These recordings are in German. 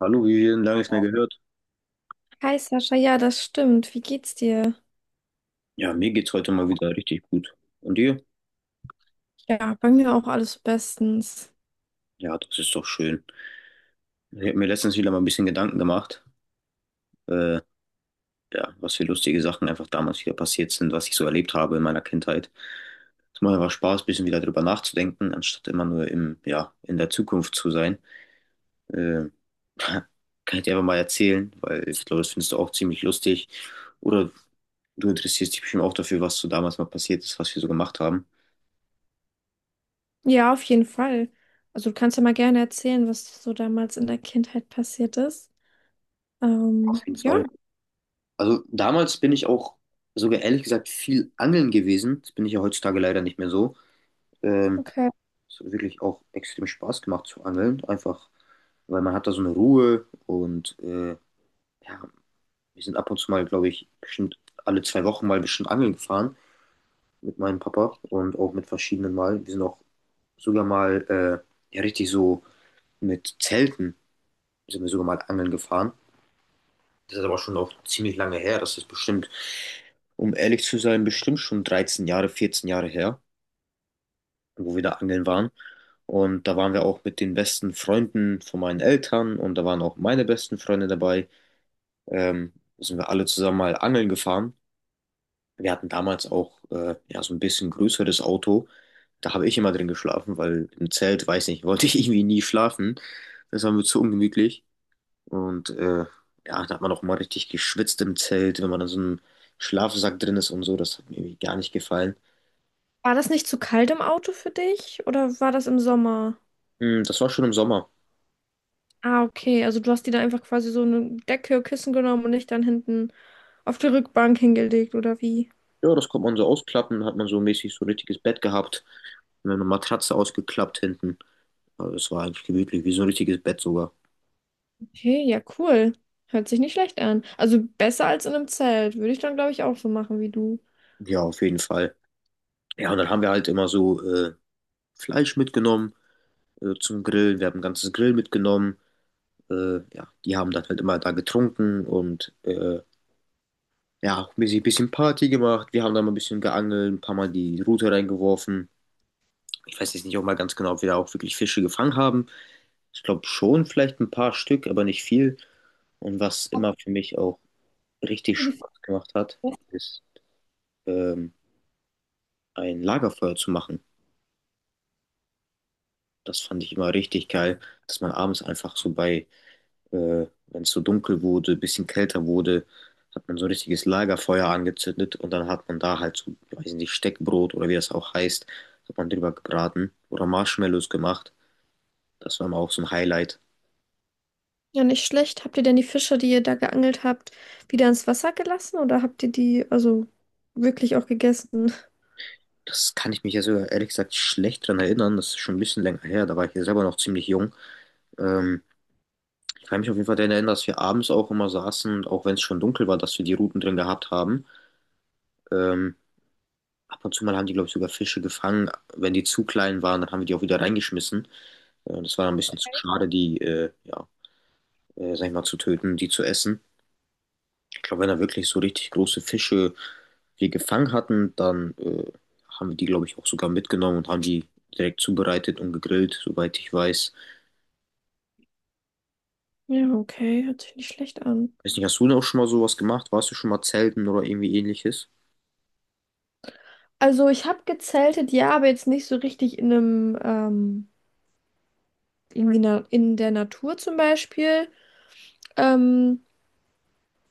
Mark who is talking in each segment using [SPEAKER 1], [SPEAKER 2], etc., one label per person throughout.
[SPEAKER 1] Hallo, wie lange ich nicht mehr gehört.
[SPEAKER 2] Hi Sascha, ja, das stimmt. Wie geht's dir?
[SPEAKER 1] Ja, mir geht's heute mal wieder richtig gut. Und dir?
[SPEAKER 2] Ja, bei mir auch alles bestens.
[SPEAKER 1] Ja, das ist doch schön. Ich habe mir letztens wieder mal ein bisschen Gedanken gemacht, äh, ja, was für lustige Sachen einfach damals wieder passiert sind, was ich so erlebt habe in meiner Kindheit. Es macht einfach Spaß, ein bisschen wieder drüber nachzudenken, anstatt immer nur im, ja, in der Zukunft zu sein. Äh, Kann ich dir einfach mal erzählen, weil ich glaube, das findest du auch ziemlich lustig. Oder du interessierst dich bestimmt auch dafür, was so damals mal passiert ist, was wir so gemacht haben.
[SPEAKER 2] Ja, auf jeden Fall. Also du kannst ja mal gerne erzählen, was so damals in der Kindheit passiert ist.
[SPEAKER 1] Auf jeden
[SPEAKER 2] Ja,
[SPEAKER 1] Fall. Also damals bin ich auch sogar ehrlich gesagt viel angeln gewesen. Das bin ich ja heutzutage leider nicht mehr so. Ähm,
[SPEAKER 2] okay.
[SPEAKER 1] Es hat wirklich auch extrem Spaß gemacht zu angeln. Einfach, weil man hat da so eine Ruhe und ja, wir sind ab und zu mal, glaube ich, bestimmt alle 2 Wochen mal bestimmt angeln gefahren mit meinem Papa und auch mit verschiedenen Mal. Wir sind auch sogar mal ja richtig so mit Zelten sind wir sogar mal angeln gefahren. Das ist aber schon auch ziemlich lange her. Das ist bestimmt, um ehrlich zu sein, bestimmt schon 13 Jahre, 14 Jahre her, wo wir da angeln waren. Und da waren wir auch mit den besten Freunden von meinen Eltern und da waren auch meine besten Freunde dabei. Ähm, Sind wir alle zusammen mal angeln gefahren. Wir hatten damals auch ja, so ein bisschen größeres Auto. Da habe ich immer drin geschlafen, weil im Zelt, weiß nicht, wollte ich irgendwie nie schlafen. Das war mir zu ungemütlich. Und ja, da hat man auch mal richtig geschwitzt im Zelt, wenn man in so einem Schlafsack drin ist und so. Das hat mir irgendwie gar nicht gefallen.
[SPEAKER 2] War das nicht zu kalt im Auto für dich oder war das im Sommer?
[SPEAKER 1] Das war schon im Sommer.
[SPEAKER 2] Ah, okay. Also du hast dir da einfach quasi so eine Decke, Kissen genommen und dich dann hinten auf die Rückbank hingelegt oder wie?
[SPEAKER 1] Ja, das konnte man so ausklappen, hat man so mäßig so ein richtiges Bett gehabt. Und dann eine Matratze ausgeklappt hinten. Also es war eigentlich gemütlich, wie so ein richtiges Bett sogar.
[SPEAKER 2] Okay, ja, cool. Hört sich nicht schlecht an. Also besser als in einem Zelt. Würde ich dann, glaube ich, auch so machen wie du.
[SPEAKER 1] Ja, auf jeden Fall. Ja, und dann haben wir halt immer so Fleisch mitgenommen zum Grillen. Wir haben ein ganzes Grill mitgenommen. Ja, die haben dann halt immer da getrunken und ja, auch ein bisschen Party gemacht. Wir haben da mal ein bisschen geangelt, ein paar Mal die Rute reingeworfen. Ich weiß jetzt nicht auch mal ganz genau, ob wir da auch wirklich Fische gefangen haben. Ich glaube schon, vielleicht ein paar Stück, aber nicht viel. Und was immer für mich auch richtig Spaß gemacht hat, ist ähm, ein Lagerfeuer zu machen. Das fand ich immer richtig geil, dass man abends einfach so bei wenn es so dunkel wurde, bisschen kälter wurde, hat man so ein richtiges Lagerfeuer angezündet und dann hat man da halt so, weiß nicht, Steckbrot oder wie das auch heißt, hat man drüber gebraten oder Marshmallows gemacht. Das war immer auch so ein Highlight.
[SPEAKER 2] Ja, nicht schlecht. Habt ihr denn die Fische, die ihr da geangelt habt, wieder ins Wasser gelassen oder habt ihr die also wirklich auch gegessen?
[SPEAKER 1] Das kann ich mich ja sogar ehrlich gesagt schlecht dran erinnern. Das ist schon ein bisschen länger her. Da war ich ja selber noch ziemlich jung. Ähm, Ich kann mich auf jeden Fall daran erinnern, dass wir abends auch immer saßen und auch wenn es schon dunkel war, dass wir die Ruten drin gehabt haben. Ähm, Ab und zu mal haben die, glaube ich, sogar Fische gefangen. Wenn die zu klein waren, dann haben wir die auch wieder reingeschmissen. Ja, das war ein bisschen zu schade, die, ja, sag ich mal, zu töten, die zu essen. Ich glaube, wenn da wirklich so richtig große Fische wir gefangen hatten, dann haben wir die, glaube ich, auch sogar mitgenommen und haben die direkt zubereitet und gegrillt, soweit ich weiß.
[SPEAKER 2] Ja, okay, hört sich nicht schlecht an.
[SPEAKER 1] Weiß nicht, hast du denn auch schon mal sowas gemacht? Warst du schon mal zelten oder irgendwie ähnliches?
[SPEAKER 2] Also ich habe gezeltet, ja, aber jetzt nicht so richtig in einem, irgendwie na in der Natur zum Beispiel. Ähm,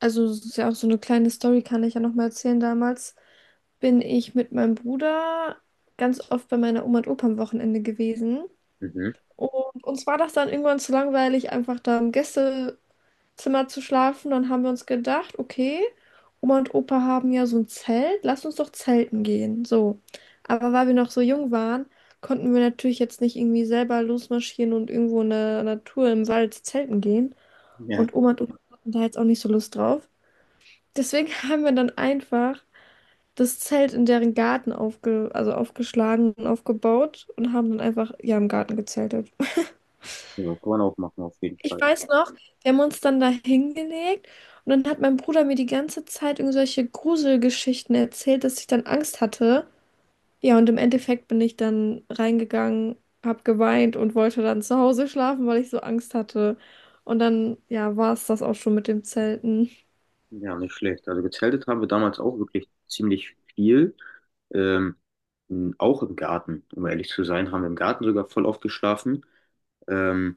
[SPEAKER 2] also es ist ja auch so eine kleine Story, kann ich ja nochmal erzählen. Damals bin ich mit meinem Bruder ganz oft bei meiner Oma und Opa am Wochenende gewesen.
[SPEAKER 1] Mhm.
[SPEAKER 2] Und uns war das dann irgendwann zu langweilig, einfach da im Gäste Zimmer zu schlafen. Dann haben wir uns gedacht, okay, Oma und Opa haben ja so ein Zelt, lass uns doch zelten gehen. So. Aber weil wir noch so jung waren, konnten wir natürlich jetzt nicht irgendwie selber losmarschieren und irgendwo in der Natur im Wald zelten gehen.
[SPEAKER 1] Ja,
[SPEAKER 2] Und Oma und Opa hatten da jetzt auch nicht so Lust drauf. Deswegen haben wir dann einfach das Zelt in deren Garten aufge also aufgeschlagen und aufgebaut und haben dann einfach ja im Garten gezeltet.
[SPEAKER 1] ja, kann man auch machen, auf jeden
[SPEAKER 2] Ich
[SPEAKER 1] Fall.
[SPEAKER 2] weiß noch, wir haben uns dann da hingelegt und dann hat mein Bruder mir die ganze Zeit irgendwelche Gruselgeschichten erzählt, dass ich dann Angst hatte. Ja, und im Endeffekt bin ich dann reingegangen, hab geweint und wollte dann zu Hause schlafen, weil ich so Angst hatte. Und dann, ja, war es das auch schon mit dem Zelten.
[SPEAKER 1] Ja, nicht schlecht. Also gezeltet haben wir damals auch wirklich ziemlich viel. Ähm, auch im Garten, um ehrlich zu sein, haben wir im Garten sogar voll oft geschlafen. Ähm,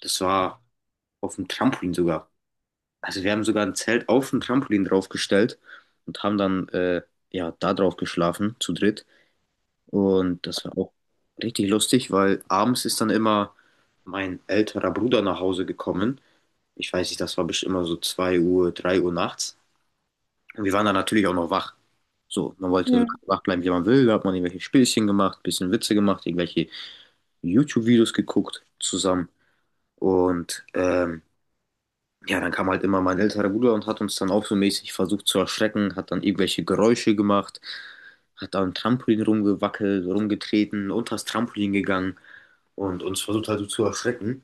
[SPEAKER 1] Das war auf dem Trampolin sogar. Also wir haben sogar ein Zelt auf dem Trampolin draufgestellt und haben dann ja da drauf geschlafen zu dritt. Und das war auch richtig lustig, weil abends ist dann immer mein älterer Bruder nach Hause gekommen. Ich weiß nicht, das war bestimmt immer so 2 Uhr, 3 Uhr nachts. Und wir waren dann natürlich auch noch wach. So, man wollte so
[SPEAKER 2] Ja,
[SPEAKER 1] lange wach bleiben, wie man will. Da hat man irgendwelche Spielchen gemacht, bisschen Witze gemacht, irgendwelche YouTube-Videos geguckt zusammen. Und ja, dann kam halt immer mein älterer Bruder und hat uns dann auch so mäßig versucht zu erschrecken, hat dann irgendwelche Geräusche gemacht, hat am Trampolin rumgewackelt, rumgetreten, unter das Trampolin gegangen und uns versucht halt so zu erschrecken.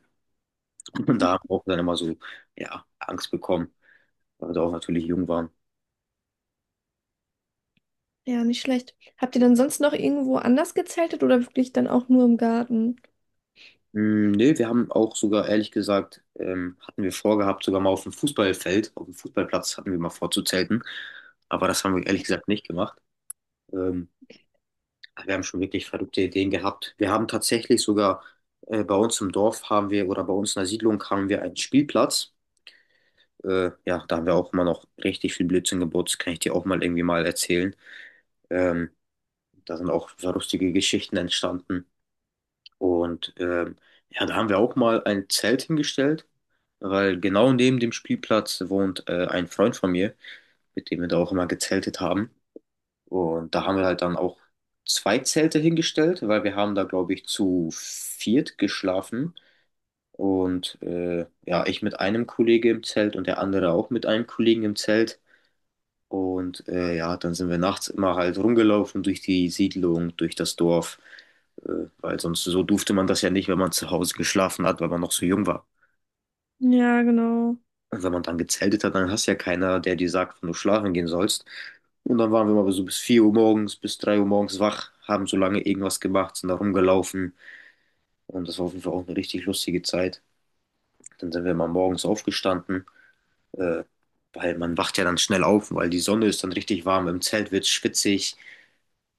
[SPEAKER 1] Und da haben wir auch dann immer so, ja, Angst bekommen, weil wir auch natürlich jung waren.
[SPEAKER 2] ja, nicht schlecht. Habt ihr dann sonst noch irgendwo anders gezeltet oder wirklich dann auch nur im Garten?
[SPEAKER 1] Nee, wir haben auch sogar, ehrlich gesagt, hatten wir vorgehabt, sogar mal auf dem Fußballfeld, auf dem Fußballplatz hatten wir mal vorzuzelten, aber das haben wir ehrlich gesagt nicht gemacht. Ähm, Wir haben schon wirklich verrückte Ideen gehabt. Wir haben tatsächlich sogar bei uns im Dorf haben wir oder bei uns in der Siedlung haben wir einen Spielplatz. Ja, da haben wir auch immer noch richtig viel Blödsinn gebaut. Das kann ich dir auch mal irgendwie mal erzählen. Ähm, Da sind auch so lustige Geschichten entstanden. Und ja, da haben wir auch mal ein Zelt hingestellt, weil genau neben dem Spielplatz wohnt ein Freund von mir, mit dem wir da auch immer gezeltet haben. Und da haben wir halt dann auch zwei Zelte hingestellt, weil wir haben da, glaube ich, zu viert geschlafen. Und ja, ich mit einem Kollege im Zelt und der andere auch mit einem Kollegen im Zelt. Und ja, dann sind wir nachts immer halt rumgelaufen durch die Siedlung, durch das Dorf, äh, weil sonst so durfte man das ja nicht, wenn man zu Hause geschlafen hat, weil man noch so jung war.
[SPEAKER 2] Ja, genau.
[SPEAKER 1] Und wenn man dann gezeltet hat, dann hast du ja keiner, der dir sagt, wann du schlafen gehen sollst. Und dann waren wir mal so bis 4 Uhr morgens, bis 3 Uhr morgens wach, haben so lange irgendwas gemacht, sind da rumgelaufen. Und das war auf jeden Fall auch eine richtig lustige Zeit. Dann sind wir mal morgens aufgestanden, äh, weil man wacht ja dann schnell auf, weil die Sonne ist dann richtig warm, im Zelt wird schwitzig.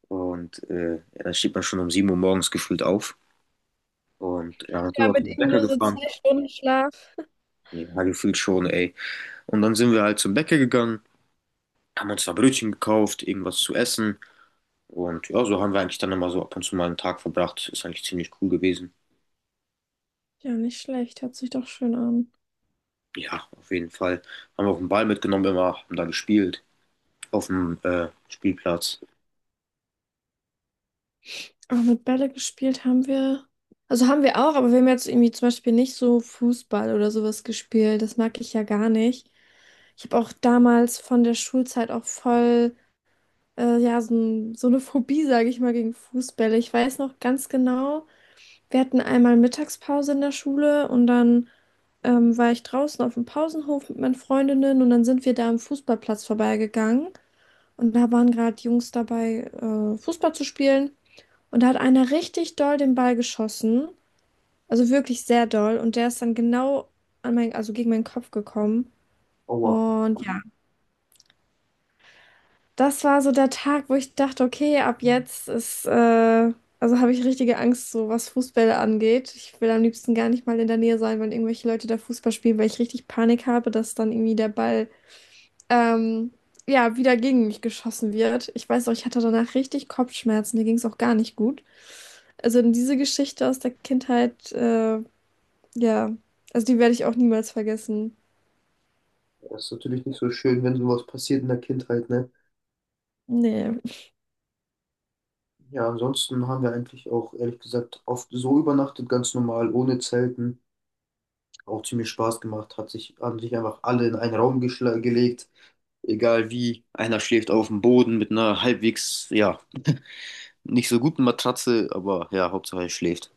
[SPEAKER 1] Und ja, dann steht man schon um 7 Uhr morgens gefühlt auf. Und ja, dann sind
[SPEAKER 2] Ja,
[SPEAKER 1] wir
[SPEAKER 2] mit
[SPEAKER 1] zum
[SPEAKER 2] irgendwie
[SPEAKER 1] Bäcker
[SPEAKER 2] nur so
[SPEAKER 1] gefahren.
[SPEAKER 2] 2 Stunden Schlaf.
[SPEAKER 1] Ja, gefühlt schon, ey. Und dann sind wir halt zum Bäcker gegangen haben uns da Brötchen gekauft, irgendwas zu essen. Und ja, so haben wir eigentlich dann immer so ab und zu mal einen Tag verbracht. Ist eigentlich ziemlich cool gewesen.
[SPEAKER 2] Ja, nicht schlecht. Hört sich doch schön an.
[SPEAKER 1] Ja, auf jeden Fall. Haben wir auch einen Ball mitgenommen immer, haben da gespielt auf dem Spielplatz.
[SPEAKER 2] Aber mit Bälle gespielt haben wir. Also haben wir auch, aber wir haben jetzt irgendwie zum Beispiel nicht so Fußball oder sowas gespielt. Das mag ich ja gar nicht. Ich habe auch damals von der Schulzeit auch voll, ja, so, so eine Phobie, sage ich mal, gegen Fußbälle. Ich weiß noch ganz genau, wir hatten einmal Mittagspause in der Schule und dann war ich draußen auf dem Pausenhof mit meinen Freundinnen und dann sind wir da am Fußballplatz vorbeigegangen und da waren gerade Jungs dabei, Fußball zu spielen. Und da hat einer richtig doll den Ball geschossen. Also wirklich sehr doll. Und der ist dann genau an mein, also gegen meinen Kopf gekommen.
[SPEAKER 1] Aua,
[SPEAKER 2] Und ja, das war so der Tag, wo ich dachte, okay, ab jetzt ist, also habe ich richtige Angst, so was Fußbälle angeht. Ich will am liebsten gar nicht mal in der Nähe sein, wenn irgendwelche Leute da Fußball spielen, weil ich richtig Panik habe, dass dann irgendwie der Ball ähm, ja, wieder gegen mich geschossen wird. Ich weiß auch, ich hatte danach richtig Kopfschmerzen, mir ging es auch gar nicht gut. Also in diese Geschichte aus der Kindheit, ja, also die werde ich auch niemals vergessen.
[SPEAKER 1] das ist natürlich nicht so schön, wenn sowas passiert in der Kindheit, ne?
[SPEAKER 2] Nee.
[SPEAKER 1] Ja, ansonsten haben wir eigentlich auch, ehrlich gesagt, oft so übernachtet, ganz normal, ohne Zelten. Auch ziemlich Spaß gemacht, hat sich, haben sich einfach alle in einen Raum gelegt, egal wie, einer schläft auf dem Boden mit einer halbwegs, ja, nicht so guten Matratze, aber ja, Hauptsache er schläft.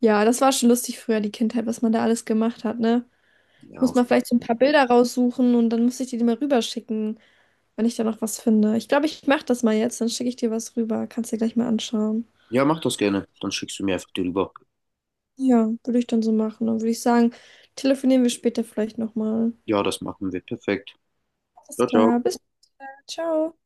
[SPEAKER 2] Ja, das war schon lustig früher, die Kindheit, was man da alles gemacht hat, ne? Ich
[SPEAKER 1] Ja,
[SPEAKER 2] muss mal
[SPEAKER 1] hoffentlich.
[SPEAKER 2] vielleicht so ein paar Bilder raussuchen und dann muss ich dir die mal rüberschicken, wenn ich da noch was finde. Ich glaube, ich mache das mal jetzt, dann schicke ich dir was rüber. Kannst dir gleich mal anschauen.
[SPEAKER 1] Ja, mach das gerne. Dann schickst du mir einfach die rüber.
[SPEAKER 2] Ja, würde ich dann so machen. Dann würde ich sagen, telefonieren wir später vielleicht nochmal.
[SPEAKER 1] Ja, das machen wir. Perfekt.
[SPEAKER 2] Alles
[SPEAKER 1] Ciao, ciao.
[SPEAKER 2] klar, bis dann, ciao.